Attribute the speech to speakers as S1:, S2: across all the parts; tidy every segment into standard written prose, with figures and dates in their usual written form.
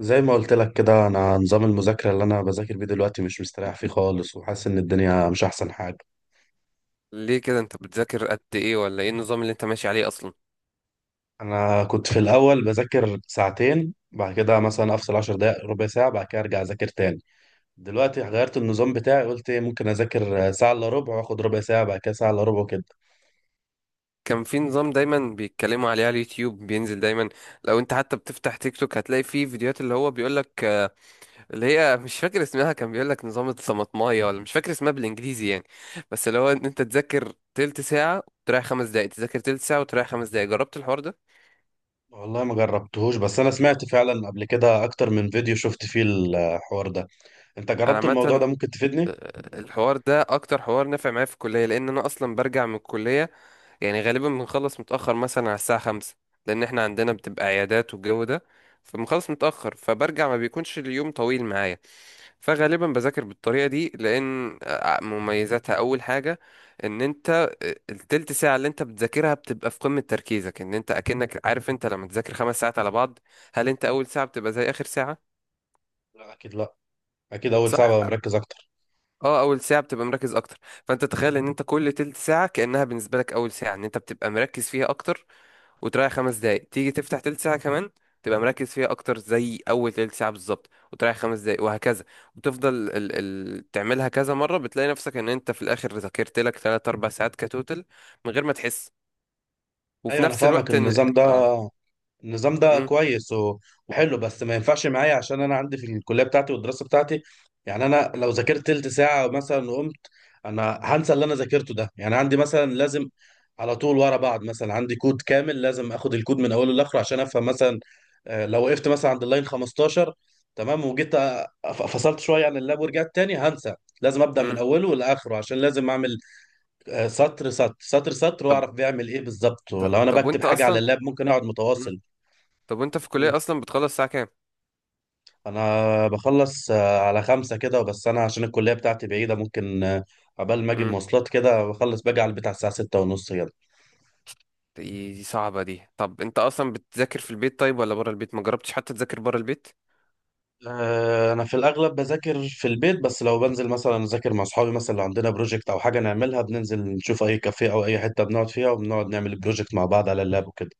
S1: زي ما قلت لك كده انا نظام المذاكره اللي انا بذاكر بيه دلوقتي مش مستريح فيه خالص، وحاسس ان الدنيا مش احسن حاجه.
S2: ليه كده؟ انت بتذاكر قد ايه، ولا ايه النظام اللي انت ماشي عليه اصلا؟
S1: انا كنت في الاول بذاكر 2 ساعتين، بعد كده مثلا افصل 10 دقائق ربع ساعه، بعد كده ارجع اذاكر تاني. دلوقتي غيرت النظام بتاعي، قلت ممكن اذاكر ساعه الا ربع، واخد ربع ساعه، بعد كده ساعه الا ربع وكده.
S2: كان في نظام دايما بيتكلموا عليه على اليوتيوب، بينزل دايما. لو انت حتى بتفتح تيك توك هتلاقي فيه فيديوهات اللي هو بيقولك، اللي هي مش فاكر اسمها، كان بيقولك نظام الطماطمايه، ولا مش فاكر اسمها بالانجليزي يعني. بس اللي هو ان انت تذاكر تلت ساعة وتريح خمس دقايق، تذاكر تلت ساعة وتريح خمس دقايق. جربت الحوار ده؟
S1: والله ما جربتهوش، بس انا سمعت فعلا قبل كده اكتر من فيديو شفت فيه الحوار ده. انت
S2: انا
S1: جربت الموضوع
S2: عامة،
S1: ده؟ ممكن تفيدني.
S2: الحوار ده اكتر حوار نافع معايا في الكليه، لان انا اصلا برجع من الكليه. يعني غالبا بنخلص متاخر، مثلا على الساعه 5، لان احنا عندنا بتبقى عيادات والجو ده. فبنخلص متاخر، فبرجع، ما بيكونش اليوم طويل معايا. فغالبا بذاكر بالطريقه دي، لان مميزاتها اول حاجه، ان انت التلت ساعه اللي انت بتذاكرها بتبقى في قمه تركيزك، ان انت اكنك عارف. انت لما تذاكر 5 ساعات على بعض، هل انت اول ساعه بتبقى زي اخر ساعه؟
S1: لا، اكيد لا. اكيد اول
S2: صح.
S1: ساعه ببقى مركز اكتر.
S2: اه، اول ساعه بتبقى مركز اكتر. فانت تخيل ان انت كل تلت ساعه كانها بالنسبه لك اول ساعه، ان انت بتبقى مركز فيها اكتر، وتريح خمس دقايق، تيجي تفتح تلت ساعه كمان، تبقى مركز فيها اكتر زي اول تلت ساعه بالظبط، وتريح خمس دقايق وهكذا. وتفضل ال تعملها كذا مره، بتلاقي نفسك ان انت في الاخر ذاكرت لك 3 4 ساعات كتوتل، من غير ما تحس. وفي
S1: ايوه انا
S2: نفس
S1: فاهمك
S2: الوقت ان
S1: النظام ده.
S2: اه
S1: النظام ده
S2: امم.
S1: كويس وحلو، بس ما ينفعش معايا عشان انا عندي في الكليه بتاعتي والدراسه بتاعتي. يعني انا لو ذاكرت تلت ساعه مثلا وقمت، انا هنسى اللي انا ذاكرته ده. يعني عندي مثلا لازم على طول ورا بعض، مثلا عندي كود كامل لازم اخد الكود من اوله لاخره عشان افهم. مثلا لو وقفت مثلا عند اللاين 15، تمام، فصلت شويه عن اللاب ورجعت تاني، هنسى. لازم ابدا من
S2: امم.
S1: اوله لاخره، عشان لازم اعمل سطر سطر
S2: طب
S1: واعرف بيعمل ايه بالظبط.
S2: طب
S1: ولو انا
S2: طب
S1: بكتب
S2: وانت
S1: حاجه على
S2: اصلا.
S1: اللاب ممكن اقعد
S2: مم.
S1: متواصل.
S2: طب وانت في الكليه اصلا بتخلص الساعه كام؟
S1: انا بخلص على 5 كده، بس انا عشان الكلية بتاعتي بعيدة، ممكن عبال ما اجيب مواصلات كده، بخلص باجي على البيت على الساعة 6:30 كده.
S2: دي دي صعبة دي. طب انت اصلا بتذاكر في البيت طيب، ولا برا البيت؟ ما جربتش حتى تذاكر برا البيت؟
S1: انا في الاغلب بذاكر في البيت، بس لو بنزل مثلا اذاكر مع اصحابي، مثلا لو عندنا بروجكت او حاجة نعملها، بننزل نشوف اي كافيه او اي حتة بنقعد فيها، وبنقعد نعمل البروجكت مع بعض على اللاب وكده.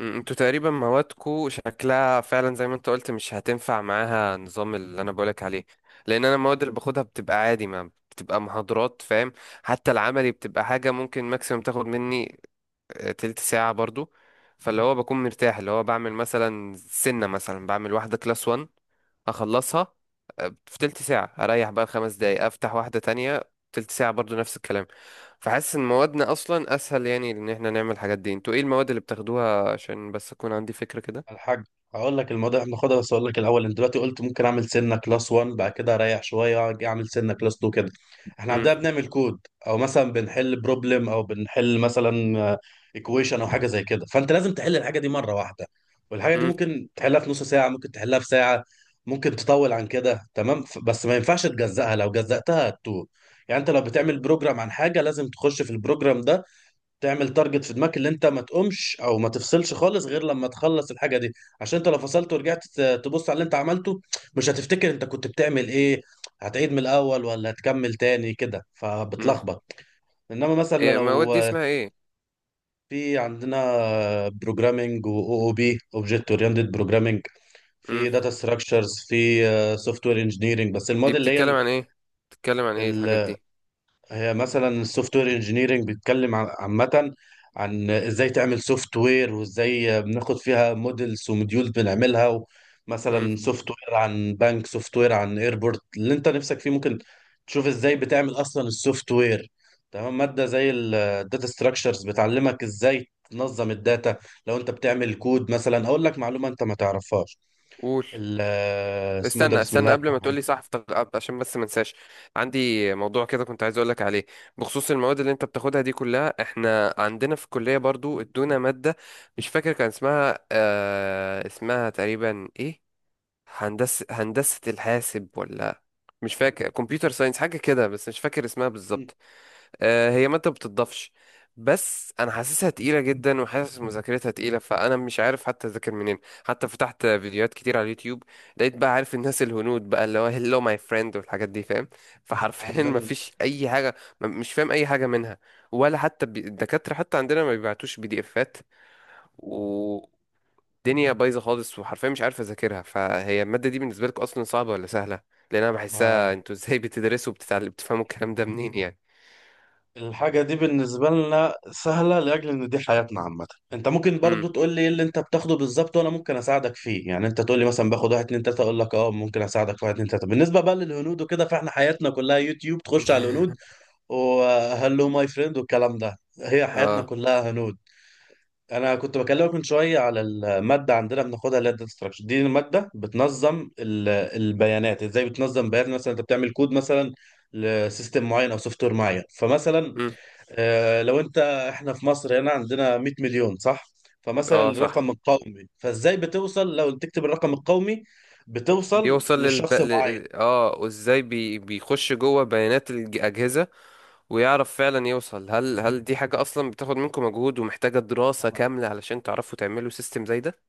S2: انتوا تقريبا موادكو شكلها فعلا زي ما انت قلت مش هتنفع معاها النظام اللي انا بقولك عليه، لان انا المواد اللي باخدها بتبقى عادي، ما بتبقى محاضرات، فاهم. حتى العملي بتبقى حاجة ممكن ماكسيموم تاخد مني تلت ساعة برضو. فاللي هو بكون مرتاح، اللي هو بعمل مثلا سنة، مثلا بعمل واحدة كلاس 1، اخلصها في تلت ساعة، اريح بقى خمس دقايق، افتح واحدة تانية تلت ساعة برضو نفس الكلام. فحاسس ان موادنا اصلا اسهل، يعني ان احنا نعمل الحاجات دي. انتوا ايه المواد اللي بتاخدوها عشان بس اكون عندي فكرة كده؟
S1: الحاج هقول لك الموضوع. احنا ناخدها، بس اقول لك الاول، انت دلوقتي قلت ممكن اعمل سنه كلاس 1 بعد كده اريح شويه اجي اعمل سنه كلاس 2 كده. احنا
S2: امم.
S1: عندنا بنعمل كود، او مثلا بنحل بروبلم، او بنحل مثلا ايكويشن او حاجه زي كده. فانت لازم تحل الحاجه دي مره واحده. والحاجه دي
S2: امم.
S1: ممكن تحلها في نص ساعه، ممكن تحلها في ساعه، ممكن تطول عن كده. تمام، بس ما ينفعش تجزأها، لو جزأتها هتتوه. يعني انت لو بتعمل بروجرام عن حاجه، لازم تخش في البروجرام ده، تعمل تارجت في دماغك اللي انت ما تقومش او ما تفصلش خالص غير لما تخلص الحاجه دي. عشان انت لو فصلت ورجعت تبص على اللي انت عملته، مش هتفتكر انت كنت بتعمل ايه. هتعيد من الاول ولا هتكمل تاني كده؟
S2: امم
S1: فبتلخبط. انما مثلا
S2: ايه المواد
S1: لو
S2: دي؟ اسمها ايه؟
S1: في عندنا، بروجرامنج و او بي اوبجكت اورينتد بروجرامنج، في
S2: امم
S1: داتا ستراكشرز، في سوفت وير انجينيرنج، بس المواد
S2: دي بتتكلم
S1: اللي
S2: عن ايه؟ بتتكلم عن ايه الحاجات
S1: هي
S2: دي؟
S1: هي مثلا السوفت وير انجينيرنج بيتكلم عامة عن ازاي تعمل سوفت وير، وازاي بناخد فيها موديلز وموديول بنعملها.
S2: امم
S1: مثلا سوفت وير عن بنك، سوفت وير عن ايربورت اللي انت نفسك فيه، ممكن تشوف ازاي بتعمل اصلا السوفت وير. تمام، مادة زي الداتا ستراكشرز بتعلمك ازاي تنظم الداتا. لو انت بتعمل كود مثلا، اقول لك معلومة انت ما تعرفهاش.
S2: قول.
S1: ال- اسمه إيه ده،
S2: استنى
S1: بسم
S2: استنى
S1: الله
S2: قبل ما
S1: الرحمن
S2: تقولي، صح. عشان بس ما انساش. عندي موضوع كده كنت عايز اقولك عليه، بخصوص المواد اللي انت بتاخدها دي كلها. احنا عندنا في الكلية برضو ادونا مادة، مش فاكر كان اسمها، اسمها تقريبا ايه؟ هندسة، الحاسب، ولا مش فاكر. كمبيوتر ساينس حاجة كده، بس مش فاكر اسمها
S1: الرحيم.
S2: بالظبط. هي مادة بتضافش، بس انا حاسسها تقيلة جدا، وحاسس مذاكرتها تقيلة، فانا مش عارف حتى اذاكر منين. حتى فتحت فيديوهات كتير على اليوتيوب، لقيت بقى، عارف، الناس الهنود بقى، اللي هو هلو ماي فريند والحاجات دي، فاهم. فحرفيا ما
S1: عندنا
S2: فيش اي حاجة. مش فاهم اي حاجة منها، ولا حتى الدكاترة حتى عندنا ما بيبعتوش بي دي افات، والدنيا بايظة خالص، وحرفيا مش عارف اذاكرها. فهي المادة دي بالنسبة لك اصلا صعبة ولا سهلة؟ لان انا بحسها، انتوا ازاي بتدرسوا وبتتعلموا، بتفهموا الكلام ده منين يعني؟
S1: الحاجة دي بالنسبة لنا سهلة، لأجل إن دي حياتنا عامة. أنت ممكن
S2: امم.
S1: برضو تقول لي إيه اللي أنت بتاخده بالظبط، وأنا ممكن أساعدك فيه. يعني أنت تقول لي مثلا باخد واحد اتنين تلاتة، أقول لك أه ممكن أساعدك في واحد اتنين تلاتة. بالنسبة بقى للهنود وكده، فإحنا حياتنا كلها يوتيوب، تخش على الهنود وهلو ماي فريند والكلام ده. هي حياتنا
S2: اه.
S1: كلها هنود. أنا كنت بكلمك من شوية على المادة عندنا بناخدها، اللي هي الداتا ستراكشر دي. المادة بتنظم البيانات، إزاي بتنظم بيانات. مثلا أنت بتعمل كود مثلا لسيستم معين أو سوفت وير معين. فمثلا
S2: مم.
S1: لو انت، احنا في مصر هنا عندنا 100 مليون، صح؟ فمثلا
S2: اه، صح.
S1: الرقم القومي، فازاي بتوصل لو تكتب الرقم القومي بتوصل
S2: بيوصل
S1: لشخص معين.
S2: وازاي بيخش جوه بيانات الأجهزة، ويعرف فعلا يوصل. هل دي حاجة أصلا بتاخد منكم مجهود ومحتاجة دراسة
S1: ما
S2: كاملة علشان تعرفوا تعملوا سيستم زي ده؟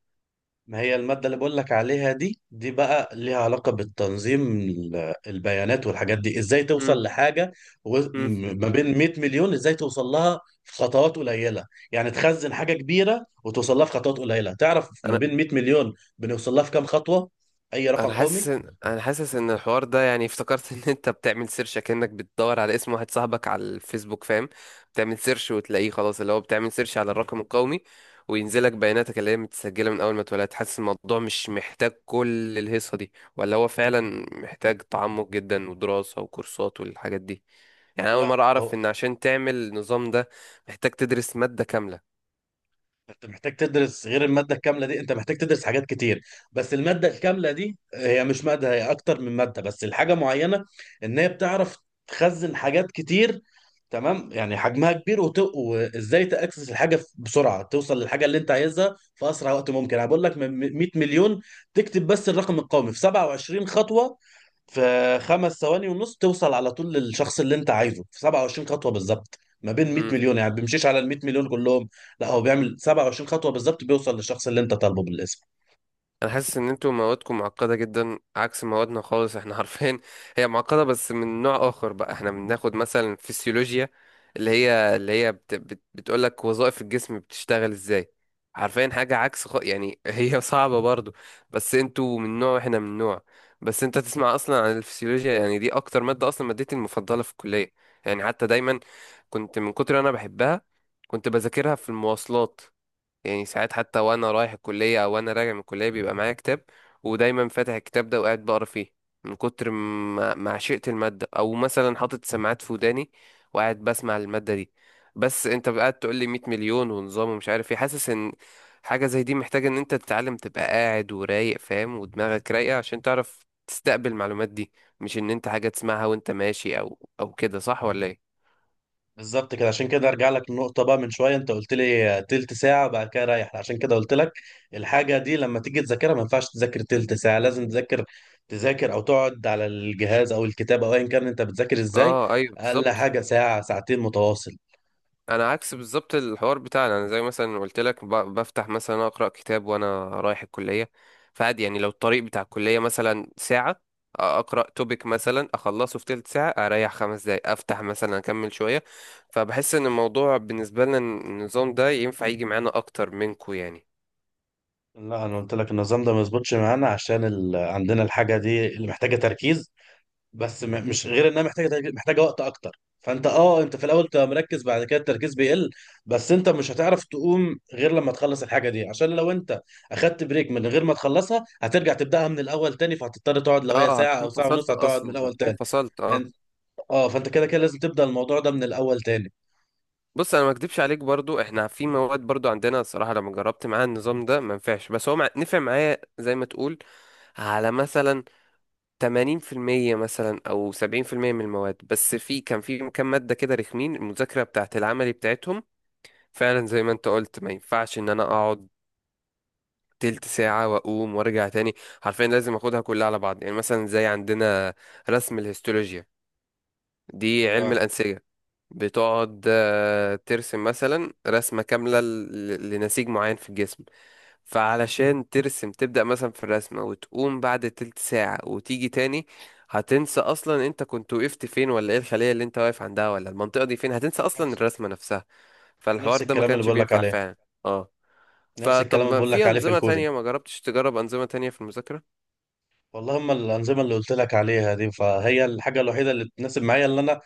S1: ما هي المادة اللي بقول لك عليها دي، دي بقى ليها علاقة بالتنظيم البيانات والحاجات دي، ازاي
S2: مم.
S1: توصل لحاجة.
S2: مم.
S1: ما بين 100 مليون ازاي توصل لها في خطوات قليلة. يعني تخزن حاجة كبيرة وتوصل لها في خطوات قليلة، تعرف ما
S2: أنا
S1: بين 100 مليون بنوصل لها في كام خطوة، اي رقم
S2: انا حاسس
S1: قومي.
S2: ان انا حاسس ان الحوار ده يعني افتكرت ان انت بتعمل سيرش كأنك بتدور على اسم واحد صاحبك على الفيسبوك، فاهم. بتعمل سيرش وتلاقيه خلاص، اللي هو بتعمل سيرش على الرقم القومي، وينزلك بياناتك اللي هي متسجلة من اول ما اتولدت. حاسس الموضوع مش محتاج كل الهيصة دي، ولا هو فعلا محتاج تعمق جدا ودراسة وكورسات والحاجات دي؟ يعني أنا اول
S1: لا،
S2: مرة اعرف
S1: هو
S2: ان عشان تعمل النظام ده محتاج تدرس مادة كاملة.
S1: انت محتاج تدرس غير المادة الكاملة دي، انت محتاج تدرس حاجات كتير. بس المادة الكاملة دي هي مش مادة، هي اكتر من مادة. بس الحاجة معينة، ان هي بتعرف تخزن حاجات كتير، تمام، يعني حجمها كبير. وت... وازاي تاكسس الحاجة بسرعة، توصل للحاجة اللي انت عايزها في اسرع وقت ممكن. انا بقول لك من 100 مليون تكتب بس الرقم القومي، في 27 خطوة في 5.5 ثواني توصل على طول للشخص اللي انت عايزه، في 27 خطوة بالظبط ما بين 100 مليون. يعني بيمشيش على ال 100 مليون كلهم، لا، هو بيعمل 27 خطوة بالظبط، بيوصل للشخص اللي انت طالبه بالاسم.
S2: انا حاسس ان انتوا موادكم معقده جدا، عكس موادنا خالص احنا عارفين. هي معقده بس من نوع اخر بقى. احنا بناخد مثلا فسيولوجيا، اللي هي بت بت بتقول لك وظائف الجسم بتشتغل ازاي، عارفين حاجه عكس، يعني هي صعبه برضو. بس انتوا من نوع، احنا من نوع. بس انت تسمع اصلا عن الفسيولوجيا، يعني دي اكتر ماده اصلا، مادتي المفضله في الكليه. يعني حتى دايما كنت، من كتر انا بحبها كنت بذاكرها في المواصلات. يعني ساعات، حتى وانا رايح الكلية او وانا راجع من الكلية، بيبقى معايا كتاب، ودايما فاتح الكتاب ده وقاعد بقرا فيه، من كتر ما عشقت المادة. او مثلا حاطط سماعات في وداني، وقاعد بسمع المادة دي. بس انت قاعد تقول لي 100 مليون ونظام ومش عارف ايه، حاسس ان حاجة زي دي محتاجة ان انت تتعلم، تبقى قاعد ورايق فاهم ودماغك رايقة عشان تعرف تستقبل المعلومات دي. مش ان انت حاجة تسمعها وانت ماشي او كده، صح ولا ايه؟
S1: بالظبط كده. عشان كده ارجع لك النقطة بقى من شوية، انت قلت لي تلت ساعة بعد كده رايح. عشان كده قلت لك الحاجة دي لما تيجي تذاكرها ما ينفعش تذاكر تلت ساعة، لازم تذاكر او تقعد على الجهاز او الكتاب او ايا كان انت بتذاكر ازاي،
S2: اه، ايوه،
S1: اقل
S2: بالظبط.
S1: حاجة ساعة ساعتين متواصل.
S2: انا عكس بالظبط الحوار بتاعنا، انا زي مثلا قلت لك، بفتح مثلا اقرا كتاب وانا رايح الكليه. فعادي يعني، لو الطريق بتاع الكليه مثلا ساعه، اقرا توبيك مثلا اخلصه في تلت ساعه، اريح خمس دقايق، افتح مثلا اكمل شويه. فبحس ان الموضوع بالنسبه لنا النظام ده ينفع يجي معانا اكتر منكو يعني.
S1: لا انا قلت لك النظام ده ما يظبطش معانا، عشان عندنا الحاجة دي اللي محتاجة تركيز. بس مش غير انها محتاجه محتاجه وقت اكتر. فانت اه، انت في الاول تبقى مركز بعد كده التركيز بيقل، بس انت مش هتعرف تقوم غير لما تخلص الحاجه دي. عشان لو انت اخدت بريك من غير ما تخلصها، هترجع تبداها من الاول تاني. فهتضطر تقعد، لو هي
S2: اه،
S1: ساعه
S2: هتكون
S1: او ساعه ونص،
S2: فصلت
S1: هتقعد من
S2: اصلا،
S1: الاول
S2: هتكون
S1: تاني.
S2: فصلت، اه.
S1: انت اه، فانت كده كده لازم تبدا الموضوع ده من الاول تاني.
S2: بص، انا ما اكدبش عليك. برضو احنا في مواد، برضو عندنا الصراحه لما جربت معاها النظام ده ما نفعش، بس هو نفع معايا زي ما تقول، على مثلا 80%، مثلا أو 70% من المواد. بس كان في كام مادة كده رخمين، المذاكرة بتاعت العملي بتاعتهم فعلا زي ما أنت قلت ما ينفعش إن أنا أقعد تلت ساعة وأقوم وأرجع تاني. حرفيا لازم أخدها كلها على بعض، يعني مثلا زي عندنا رسم الهيستولوجيا، دي علم
S1: اه.
S2: الأنسجة، بتقعد ترسم مثلا رسمة كاملة لنسيج معين في الجسم. فعلشان ترسم تبدأ مثلا في الرسمة، وتقوم بعد تلت ساعة وتيجي تاني، هتنسى أصلا أنت كنت وقفت فين، ولا إيه الخلية اللي أنت واقف عندها، ولا المنطقة دي فين. هتنسى أصلا
S1: نفس
S2: الرسمة نفسها. فالحوار
S1: نفس
S2: ده ما
S1: الكلام اللي
S2: كانش
S1: بقول لك
S2: بينفع
S1: عليه.
S2: فعلا. اه.
S1: نفس
S2: فطب،
S1: الكلام اللي
S2: ما
S1: بقول لك
S2: في
S1: عليه في
S2: أنظمة
S1: الكودينج.
S2: تانية؟ ما جربتش تجرب أنظمة تانية في المذاكرة؟
S1: والله هم الانظمه اللي قلت لك عليها دي، فهي الحاجه الوحيده اللي تناسب معايا، اللي انا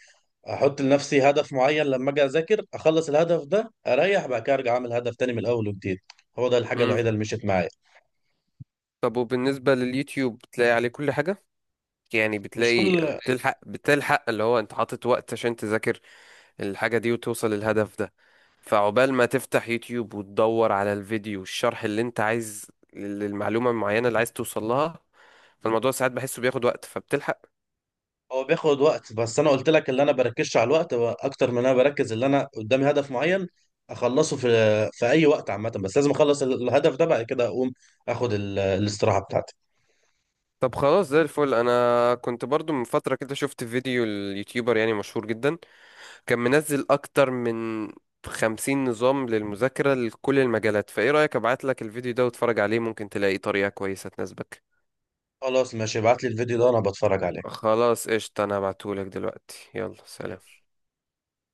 S1: احط لنفسي هدف معين لما اجي اذاكر، اخلص الهدف ده اريح، بعد كده ارجع اعمل هدف تاني من الاول وجديد. هو ده الحاجه
S2: امم
S1: الوحيده اللي مشيت معايا.
S2: طب وبالنسبة لليوتيوب بتلاقي عليه كل حاجة؟ يعني
S1: مش
S2: بتلاقي،
S1: كل،
S2: بتلحق اللي هو أنت حاطط وقت عشان تذاكر الحاجة دي وتوصل للهدف ده؟ فعقبال ما تفتح يوتيوب وتدور على الفيديو والشرح اللي انت عايز للمعلومة المعينة اللي عايز توصل لها، فالموضوع ساعات بحسه بياخد وقت، فبتلحق؟
S1: هو بياخد وقت، بس انا قلت لك اللي انا بركزش على الوقت، هو اكتر من انا بركز اللي انا قدامي هدف معين اخلصه في في اي وقت عامه. بس لازم اخلص الهدف ده بعد كده اقوم اخد الاستراحه بتاعتي.
S2: طب خلاص زي الفل. انا كنت برضو من فترة كده شفت فيديو اليوتيوبر، يعني مشهور جدا، كان منزل اكتر من 50 نظام للمذاكرة لكل المجالات. فايه رأيك ابعت لك الفيديو ده واتفرج عليه؟ ممكن تلاقي طريقة كويسة تناسبك.
S1: خلاص ماشي، ابعت لي الفيديو ده انا بتفرج عليه.
S2: خلاص قشطة، انا هبعتهولك دلوقتي. يلا، سلام.